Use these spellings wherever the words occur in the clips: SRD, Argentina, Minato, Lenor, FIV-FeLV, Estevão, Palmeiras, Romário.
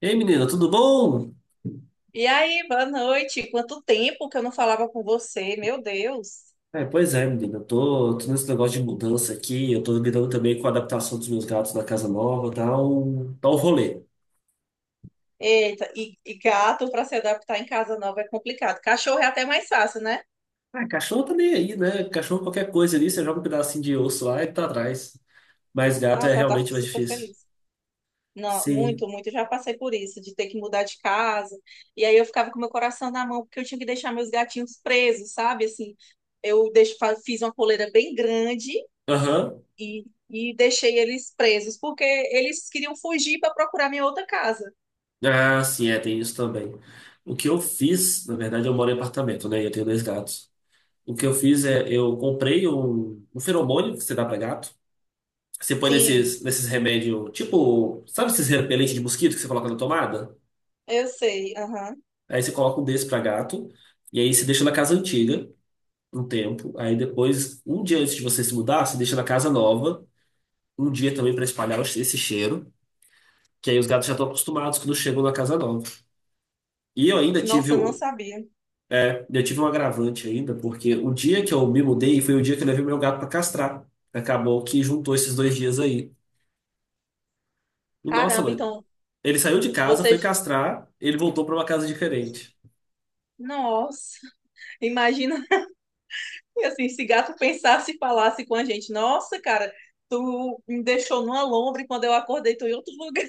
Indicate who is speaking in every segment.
Speaker 1: Ei, menina, tudo bom?
Speaker 2: E aí, boa noite. Quanto tempo que eu não falava com você, meu Deus.
Speaker 1: Pois é, menina, eu tô nesse negócio de mudança aqui, eu tô lidando também com a adaptação dos meus gatos na casa nova, tá um rolê.
Speaker 2: Eita, e gato para se adaptar em casa nova é complicado. Cachorro é até mais fácil, né?
Speaker 1: Ah, cachorro tá nem aí, né? Cachorro qualquer coisa ali, você joga um pedacinho de osso lá e tá atrás. Mas gato é
Speaker 2: Nossa, ela tá
Speaker 1: realmente mais
Speaker 2: super
Speaker 1: difícil.
Speaker 2: feliz. Não,
Speaker 1: Sim.
Speaker 2: muito, muito. Eu já passei por isso, de ter que mudar de casa. E aí eu ficava com meu coração na mão, porque eu tinha que deixar meus gatinhos presos, sabe? Assim, eu deixo, fiz uma coleira bem grande
Speaker 1: Aham.
Speaker 2: e deixei eles presos, porque eles queriam fugir para procurar minha outra casa.
Speaker 1: Ah, sim, é, tem isso também. O que eu fiz, na verdade, eu moro em apartamento, né? E eu tenho dois gatos. O que eu fiz é, eu comprei um feromônio que você dá pra gato. Você põe
Speaker 2: Sim,
Speaker 1: nesses remédios, tipo, sabe esses repelentes de mosquito que você coloca na tomada?
Speaker 2: eu sei. Aham.
Speaker 1: Aí você coloca um desse pra gato, e aí você deixa na casa antiga um tempo. Aí depois, um dia antes de você se mudar, você deixa na casa nova, um dia também pra espalhar esse cheiro, que aí os gatos já estão acostumados quando chegam na casa nova. E eu ainda tive,
Speaker 2: Nossa, eu não sabia.
Speaker 1: eu tive um agravante ainda, porque o dia que eu me mudei foi o dia que eu levei meu gato pra castrar. Acabou que juntou esses dois dias aí. E nossa,
Speaker 2: Caramba,
Speaker 1: mano,
Speaker 2: então
Speaker 1: ele saiu de casa, foi
Speaker 2: vocês.
Speaker 1: castrar, ele voltou para uma casa diferente.
Speaker 2: Nossa, imagina assim, se gato pensasse e falasse com a gente. Nossa, cara, tu me deixou numa lombre quando eu acordei, tô em outro lugar.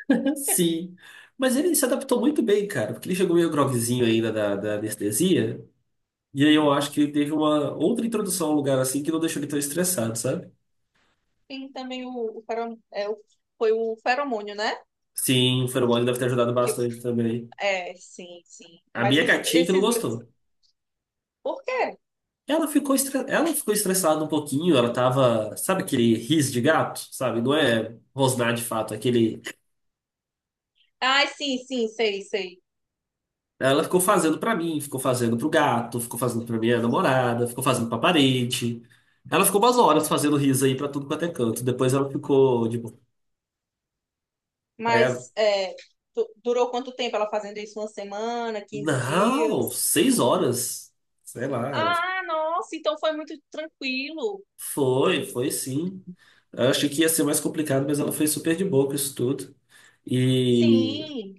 Speaker 1: Sim. Mas ele se adaptou muito bem, cara, porque ele chegou meio groguezinho ainda da anestesia. E aí eu acho que ele teve uma outra introdução a um lugar assim que não deixou ele tão estressado, sabe?
Speaker 2: Tem também o, foi o feromônio, né?
Speaker 1: Sim, o feromônio deve ter ajudado
Speaker 2: Que,
Speaker 1: bastante também.
Speaker 2: sim, sim.
Speaker 1: A
Speaker 2: Mas
Speaker 1: minha gatinha que não gostou.
Speaker 2: Por quê?
Speaker 1: Ela ficou estressada um pouquinho, ela tava. Sabe aquele riso de gato? Sabe? Não é rosnar de fato, é aquele.
Speaker 2: Ai, sim, sim, sei, sei.
Speaker 1: Ela ficou fazendo pra mim, ficou fazendo pro gato, ficou fazendo pra minha namorada, ficou fazendo pra parede. Ela ficou umas horas fazendo riso aí pra tudo quanto é canto. Depois ela ficou de boa. Aí ela,
Speaker 2: Mas durou quanto tempo ela fazendo isso? Uma semana, 15
Speaker 1: não,
Speaker 2: dias?
Speaker 1: 6 horas. Sei lá, ela ficou,
Speaker 2: Ah, nossa, então foi muito tranquilo.
Speaker 1: foi sim. Eu achei que ia ser mais complicado, mas ela foi super de boa com isso tudo. E
Speaker 2: Sim,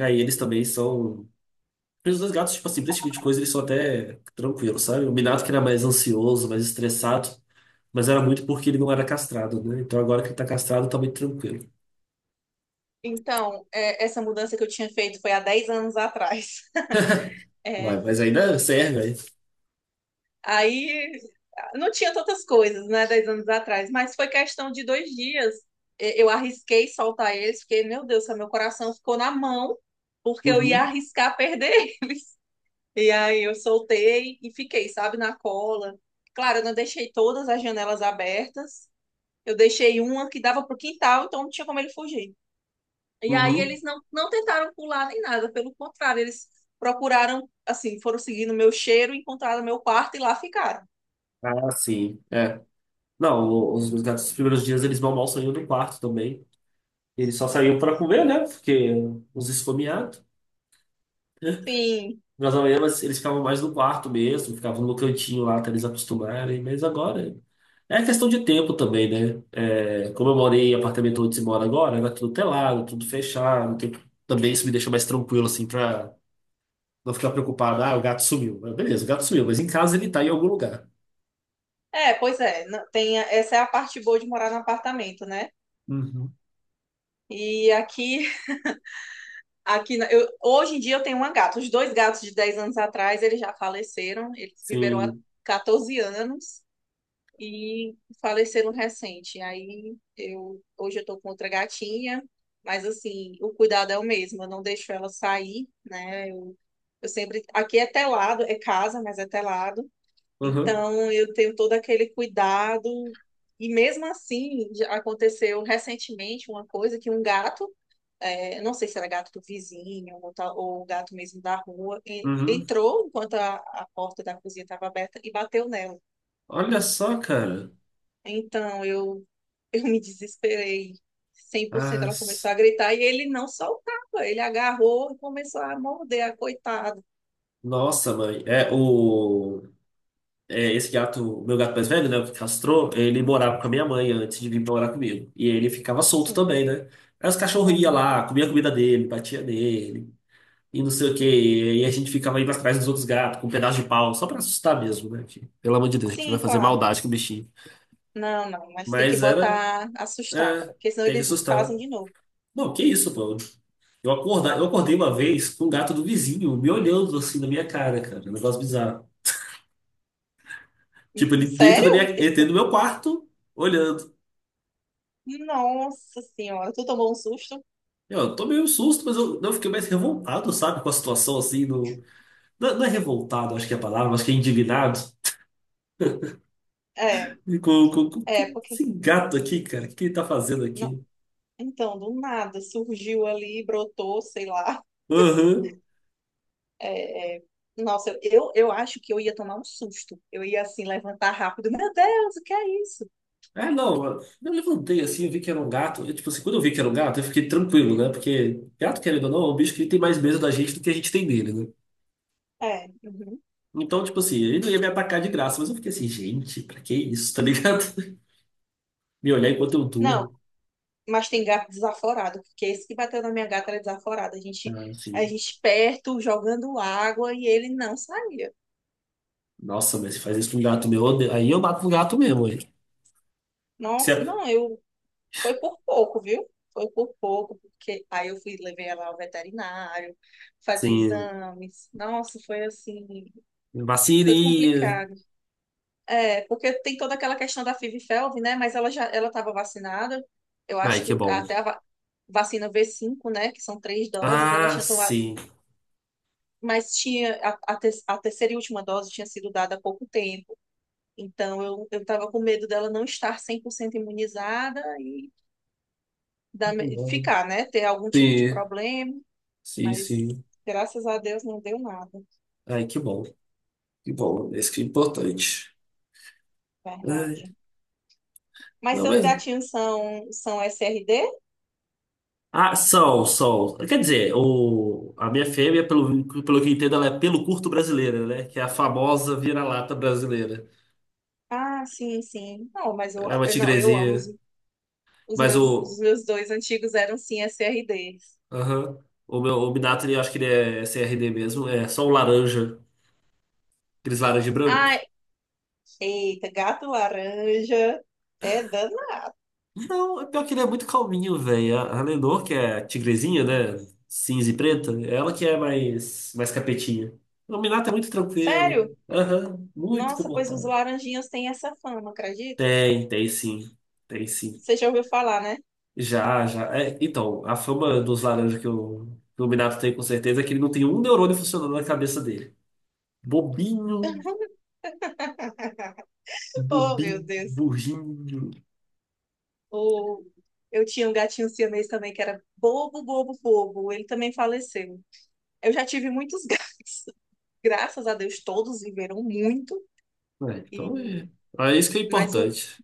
Speaker 1: aí eles também são. Os dois gatos, tipo assim, pra esse tipo de coisa, eles são até tranquilos, sabe? O Minato que era mais ansioso, mais estressado. Mas era muito porque ele não era castrado, né? Então agora que ele tá castrado, tá muito tranquilo.
Speaker 2: então, essa mudança que eu tinha feito foi há 10 anos atrás.
Speaker 1: Ué,
Speaker 2: É,
Speaker 1: mas ainda serve, aí.
Speaker 2: aí não tinha tantas coisas, né, 10 anos atrás, mas foi questão de 2 dias. Eu arrisquei soltar eles, porque, meu Deus, meu coração ficou na mão, porque eu ia
Speaker 1: Uhum,
Speaker 2: arriscar perder. E aí eu soltei e fiquei, sabe, na cola. Claro, eu não deixei todas as janelas abertas, eu deixei uma que dava para quintal, então não tinha como ele fugir. E aí
Speaker 1: uhum.
Speaker 2: eles não tentaram pular nem nada, pelo contrário, eles procuraram, assim, foram seguindo meu cheiro, encontraram meu quarto e lá ficaram.
Speaker 1: Ah, sim. É. Não, o- Os meus gatos, nos primeiros dias, eles mal mal saíam do quarto também. Eles só saíam para comer, né? Porque os esfomeados.
Speaker 2: Sim.
Speaker 1: Mas eles ficavam mais no quarto mesmo, ficavam no cantinho lá até eles acostumarem. Mas agora é questão de tempo também, né? É, como eu morei em apartamento onde se mora agora, era tudo telado, tudo fechado. Também isso me deixa mais tranquilo, assim, para não ficar preocupado, ah, o gato sumiu. Mas beleza, o gato sumiu, mas em casa ele tá em algum lugar.
Speaker 2: É, pois é, tem, essa é a parte boa de morar no apartamento, né?
Speaker 1: Uhum.
Speaker 2: E aqui, hoje em dia eu tenho uma gata. Os dois gatos de 10 anos atrás, eles já faleceram, eles viveram há
Speaker 1: Sim.
Speaker 2: 14 anos. E faleceram recente. Aí eu hoje eu tô com outra gatinha, mas assim, o cuidado é o mesmo, eu não deixo ela sair, né? Eu sempre aqui é telado, é casa, mas é telado.
Speaker 1: Uhum.
Speaker 2: Então eu tenho todo aquele cuidado e mesmo assim já aconteceu recentemente uma coisa que um gato não sei se era gato do vizinho ou, ou gato mesmo da rua.
Speaker 1: Uhum.
Speaker 2: Entrou enquanto a porta da cozinha estava aberta e bateu nela.
Speaker 1: Olha só, cara.
Speaker 2: Então, eu, eu me desesperei cem por cento. Ela
Speaker 1: As-
Speaker 2: começou a gritar e ele não soltava. Ele agarrou e começou a morder a coitada.
Speaker 1: Nossa, mãe. Esse gato, o meu gato mais velho, né? O que castrou, ele morava com a minha mãe antes de vir morar comigo. E ele ficava solto também,
Speaker 2: Sim,
Speaker 1: né? Aí os cachorros iam
Speaker 2: uhum.
Speaker 1: lá, comia a comida dele, batia nele, e não sei o quê. E a gente ficava indo atrás dos outros gatos com um pedaço de pau, só pra assustar mesmo, né? Que, pelo amor de Deus, a gente não vai
Speaker 2: Sim,
Speaker 1: fazer
Speaker 2: claro.
Speaker 1: maldade com o bichinho.
Speaker 2: Não, não, mas tem que
Speaker 1: Mas era.
Speaker 2: botar, assustar,
Speaker 1: É,
Speaker 2: porque senão
Speaker 1: tem que
Speaker 2: eles
Speaker 1: assustar.
Speaker 2: fazem de novo.
Speaker 1: Não, que isso, pô. Eu acordei uma vez com um gato do vizinho me olhando assim na minha cara, cara. Um negócio bizarro. Tipo,
Speaker 2: Sério?
Speaker 1: ele dentro do meu quarto, olhando.
Speaker 2: Nossa senhora, tu tomou um susto?
Speaker 1: Eu tô meio susto, mas eu não eu fiquei mais revoltado, sabe, com a situação assim. No... Não, não é revoltado, acho que é a palavra, acho que é indignado.
Speaker 2: É,
Speaker 1: Com, com, com,
Speaker 2: é,
Speaker 1: com
Speaker 2: porque.
Speaker 1: esse gato aqui, cara, o que que ele tá fazendo
Speaker 2: Não,
Speaker 1: aqui?
Speaker 2: então, do nada surgiu ali, brotou, sei lá.
Speaker 1: Aham.
Speaker 2: É, nossa, eu acho que eu ia tomar um susto. Eu ia assim levantar rápido. Meu Deus, o que é isso?
Speaker 1: É, não, eu levantei assim, eu vi que era um gato. Eu, tipo assim, quando eu vi que era um gato, eu fiquei tranquilo, né? Porque gato, querendo ou não, é um bicho que tem mais medo da gente do que a gente tem dele, né?
Speaker 2: É, uhum.
Speaker 1: Então, tipo assim, ele não ia me atacar de graça, mas eu fiquei assim, gente, pra que isso, tá ligado? Me olhar enquanto eu
Speaker 2: Não,
Speaker 1: durmo.
Speaker 2: mas tem gato desaforado, porque esse que bateu na minha gata era desaforado. A gente,
Speaker 1: Né,
Speaker 2: a
Speaker 1: assim,
Speaker 2: gente perto, jogando água e ele não saía.
Speaker 1: nossa, mas se faz isso com um gato meu, aí eu mato um gato mesmo, hein? Se
Speaker 2: Nossa,
Speaker 1: é-
Speaker 2: não, eu foi por pouco, viu? Foi por pouco, porque aí eu fui levei ela ao veterinário, fazer
Speaker 1: sim,
Speaker 2: exames. Nossa, foi assim, foi
Speaker 1: vacilinha.
Speaker 2: complicado. É, porque tem toda aquela questão da FIV-FeLV, né? Mas ela já ela estava vacinada. Eu
Speaker 1: Ai,
Speaker 2: acho que
Speaker 1: que bom.
Speaker 2: até a vacina V5, né? Que são 3 doses, ela
Speaker 1: Ah,
Speaker 2: tinha tomado.
Speaker 1: sim.
Speaker 2: Mas tinha a terceira e última dose tinha sido dada há pouco tempo. Então eu estava com medo dela não estar 100% imunizada e ficar, né? Ter algum tipo de
Speaker 1: Sim,
Speaker 2: problema.
Speaker 1: sim,
Speaker 2: Mas
Speaker 1: sim.
Speaker 2: graças a Deus não deu nada,
Speaker 1: Ai, que bom. Que bom, isso que é importante. Ai,
Speaker 2: verdade. Mas
Speaker 1: não,
Speaker 2: seus
Speaker 1: mas.
Speaker 2: gatinhos são SRD?
Speaker 1: Ah, são, são. Quer dizer, a minha fêmea, pelo que eu entendo, ela é pelo curto brasileira, né? Que é a famosa vira-lata brasileira.
Speaker 2: Ah, sim, sim. Não, mas
Speaker 1: É uma
Speaker 2: não, eu amo
Speaker 1: tigrezinha.
Speaker 2: Os
Speaker 1: Mas
Speaker 2: meus, os
Speaker 1: o.
Speaker 2: meus dois antigos eram sim SRD.
Speaker 1: Aham. o meu o Minato, ele, acho que ele é CRD mesmo. É só um laranja. Aqueles laranja e
Speaker 2: Ai,
Speaker 1: branco.
Speaker 2: eita, gato laranja. É dano.
Speaker 1: Não, é pior que ele é muito calminho, velho. A Lenor, que é a tigrezinha, né? Cinza e preta, é ela que é mais capetinha. O Minato é muito
Speaker 2: Sério?
Speaker 1: tranquilo. Aham. Muito
Speaker 2: Nossa, pois os
Speaker 1: comportado.
Speaker 2: laranjinhas têm essa fama, acredita?
Speaker 1: Tem, tem sim. Tem sim.
Speaker 2: Você já ouviu falar, né?
Speaker 1: Já, já. É, então, a fama dos laranjas que o Minato tem com certeza é que ele não tem um neurônio funcionando na cabeça dele. Bobinho,
Speaker 2: Oh, meu
Speaker 1: bobinho,
Speaker 2: Deus.
Speaker 1: burrinho.
Speaker 2: O... Eu tinha um gatinho siamês também que era bobo, bobo, bobo. Ele também faleceu. Eu já tive muitos gatos, graças a Deus, todos viveram muito.
Speaker 1: É,
Speaker 2: E...
Speaker 1: então é. É isso que é
Speaker 2: Mas o...
Speaker 1: importante.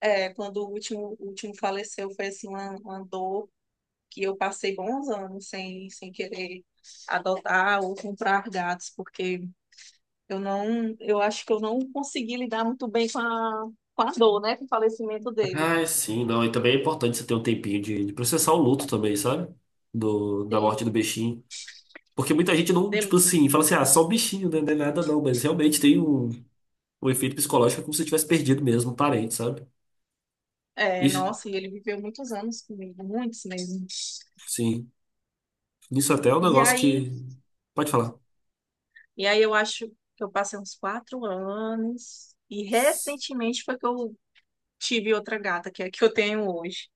Speaker 2: quando o último faleceu, foi assim, uma dor que eu passei bons anos sem querer adotar ou comprar gatos, porque eu acho que eu não consegui lidar muito bem com a dor, né, com o falecimento dele.
Speaker 1: Ah, sim, não. E também é importante você ter um tempinho de processar o luto também, sabe? Da
Speaker 2: Tem,
Speaker 1: morte do bichinho. Porque muita gente não, tipo
Speaker 2: de-
Speaker 1: assim, fala assim, ah, só o bichinho, né? Não é nada não, mas realmente tem um, um efeito psicológico é como se tivesse perdido mesmo um parente, sabe? Isso,
Speaker 2: nossa, e ele viveu muitos anos comigo, muitos mesmo.
Speaker 1: sim. Isso até é um
Speaker 2: E
Speaker 1: negócio
Speaker 2: aí,
Speaker 1: que. Pode falar.
Speaker 2: e aí eu acho que eu passei uns 4 anos e recentemente foi que eu tive outra gata, que é a que eu tenho hoje.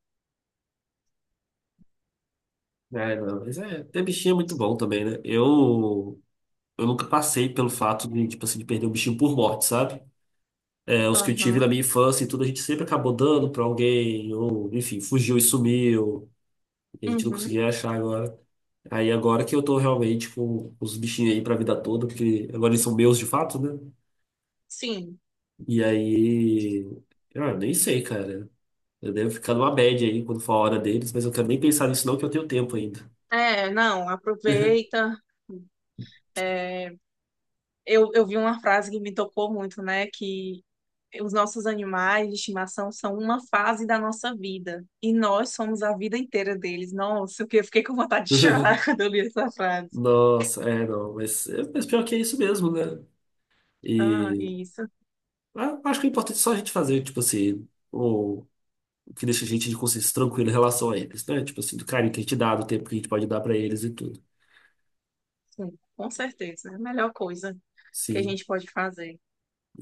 Speaker 1: É, não, mas é, ter bichinho é muito bom também, né? Eu nunca passei pelo fato de, tipo assim, de perder um bichinho por morte, sabe? É, os que eu tive na
Speaker 2: Aham,
Speaker 1: minha infância e tudo, a gente sempre acabou dando pra alguém, ou, enfim, fugiu e sumiu, e a gente não
Speaker 2: uhum,
Speaker 1: conseguia achar agora. Aí agora que eu tô realmente com os bichinhos aí pra vida toda, porque agora eles são meus de fato, né?
Speaker 2: sim.
Speaker 1: E aí, ah, eu nem sei, cara. Eu devo ficar numa média aí quando for a hora deles, mas eu quero nem pensar nisso não, que eu tenho tempo ainda.
Speaker 2: É, não, aproveita. É, eu vi uma frase que me tocou muito, né? Que os nossos animais de estimação são uma fase da nossa vida. E nós somos a vida inteira deles. Nossa, que eu fiquei com vontade de chorar quando eu li essa frase.
Speaker 1: Nossa, é, não, mas, é, mas pior que é isso mesmo, né?
Speaker 2: Ah,
Speaker 1: E
Speaker 2: isso.
Speaker 1: ah, acho que o importante é só a gente fazer, tipo assim, o, o que deixa a gente de consciência tranquila em relação a eles, né? Tipo assim, do carinho que a gente dá, do tempo que a gente pode dar pra eles e tudo.
Speaker 2: Sim, com certeza. É a melhor coisa que a
Speaker 1: Sim,
Speaker 2: gente pode fazer.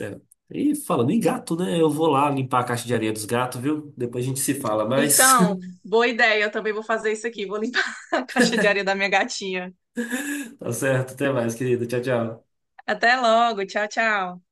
Speaker 1: é. E falando em gato, né? Eu vou lá limpar a caixa de areia dos gatos, viu? Depois a gente se fala, mais
Speaker 2: Então, boa ideia. Eu também vou fazer isso aqui. Vou limpar a caixa de areia da minha gatinha.
Speaker 1: tá certo, até mais, querido. Tchau, tchau.
Speaker 2: Até logo. Tchau, tchau.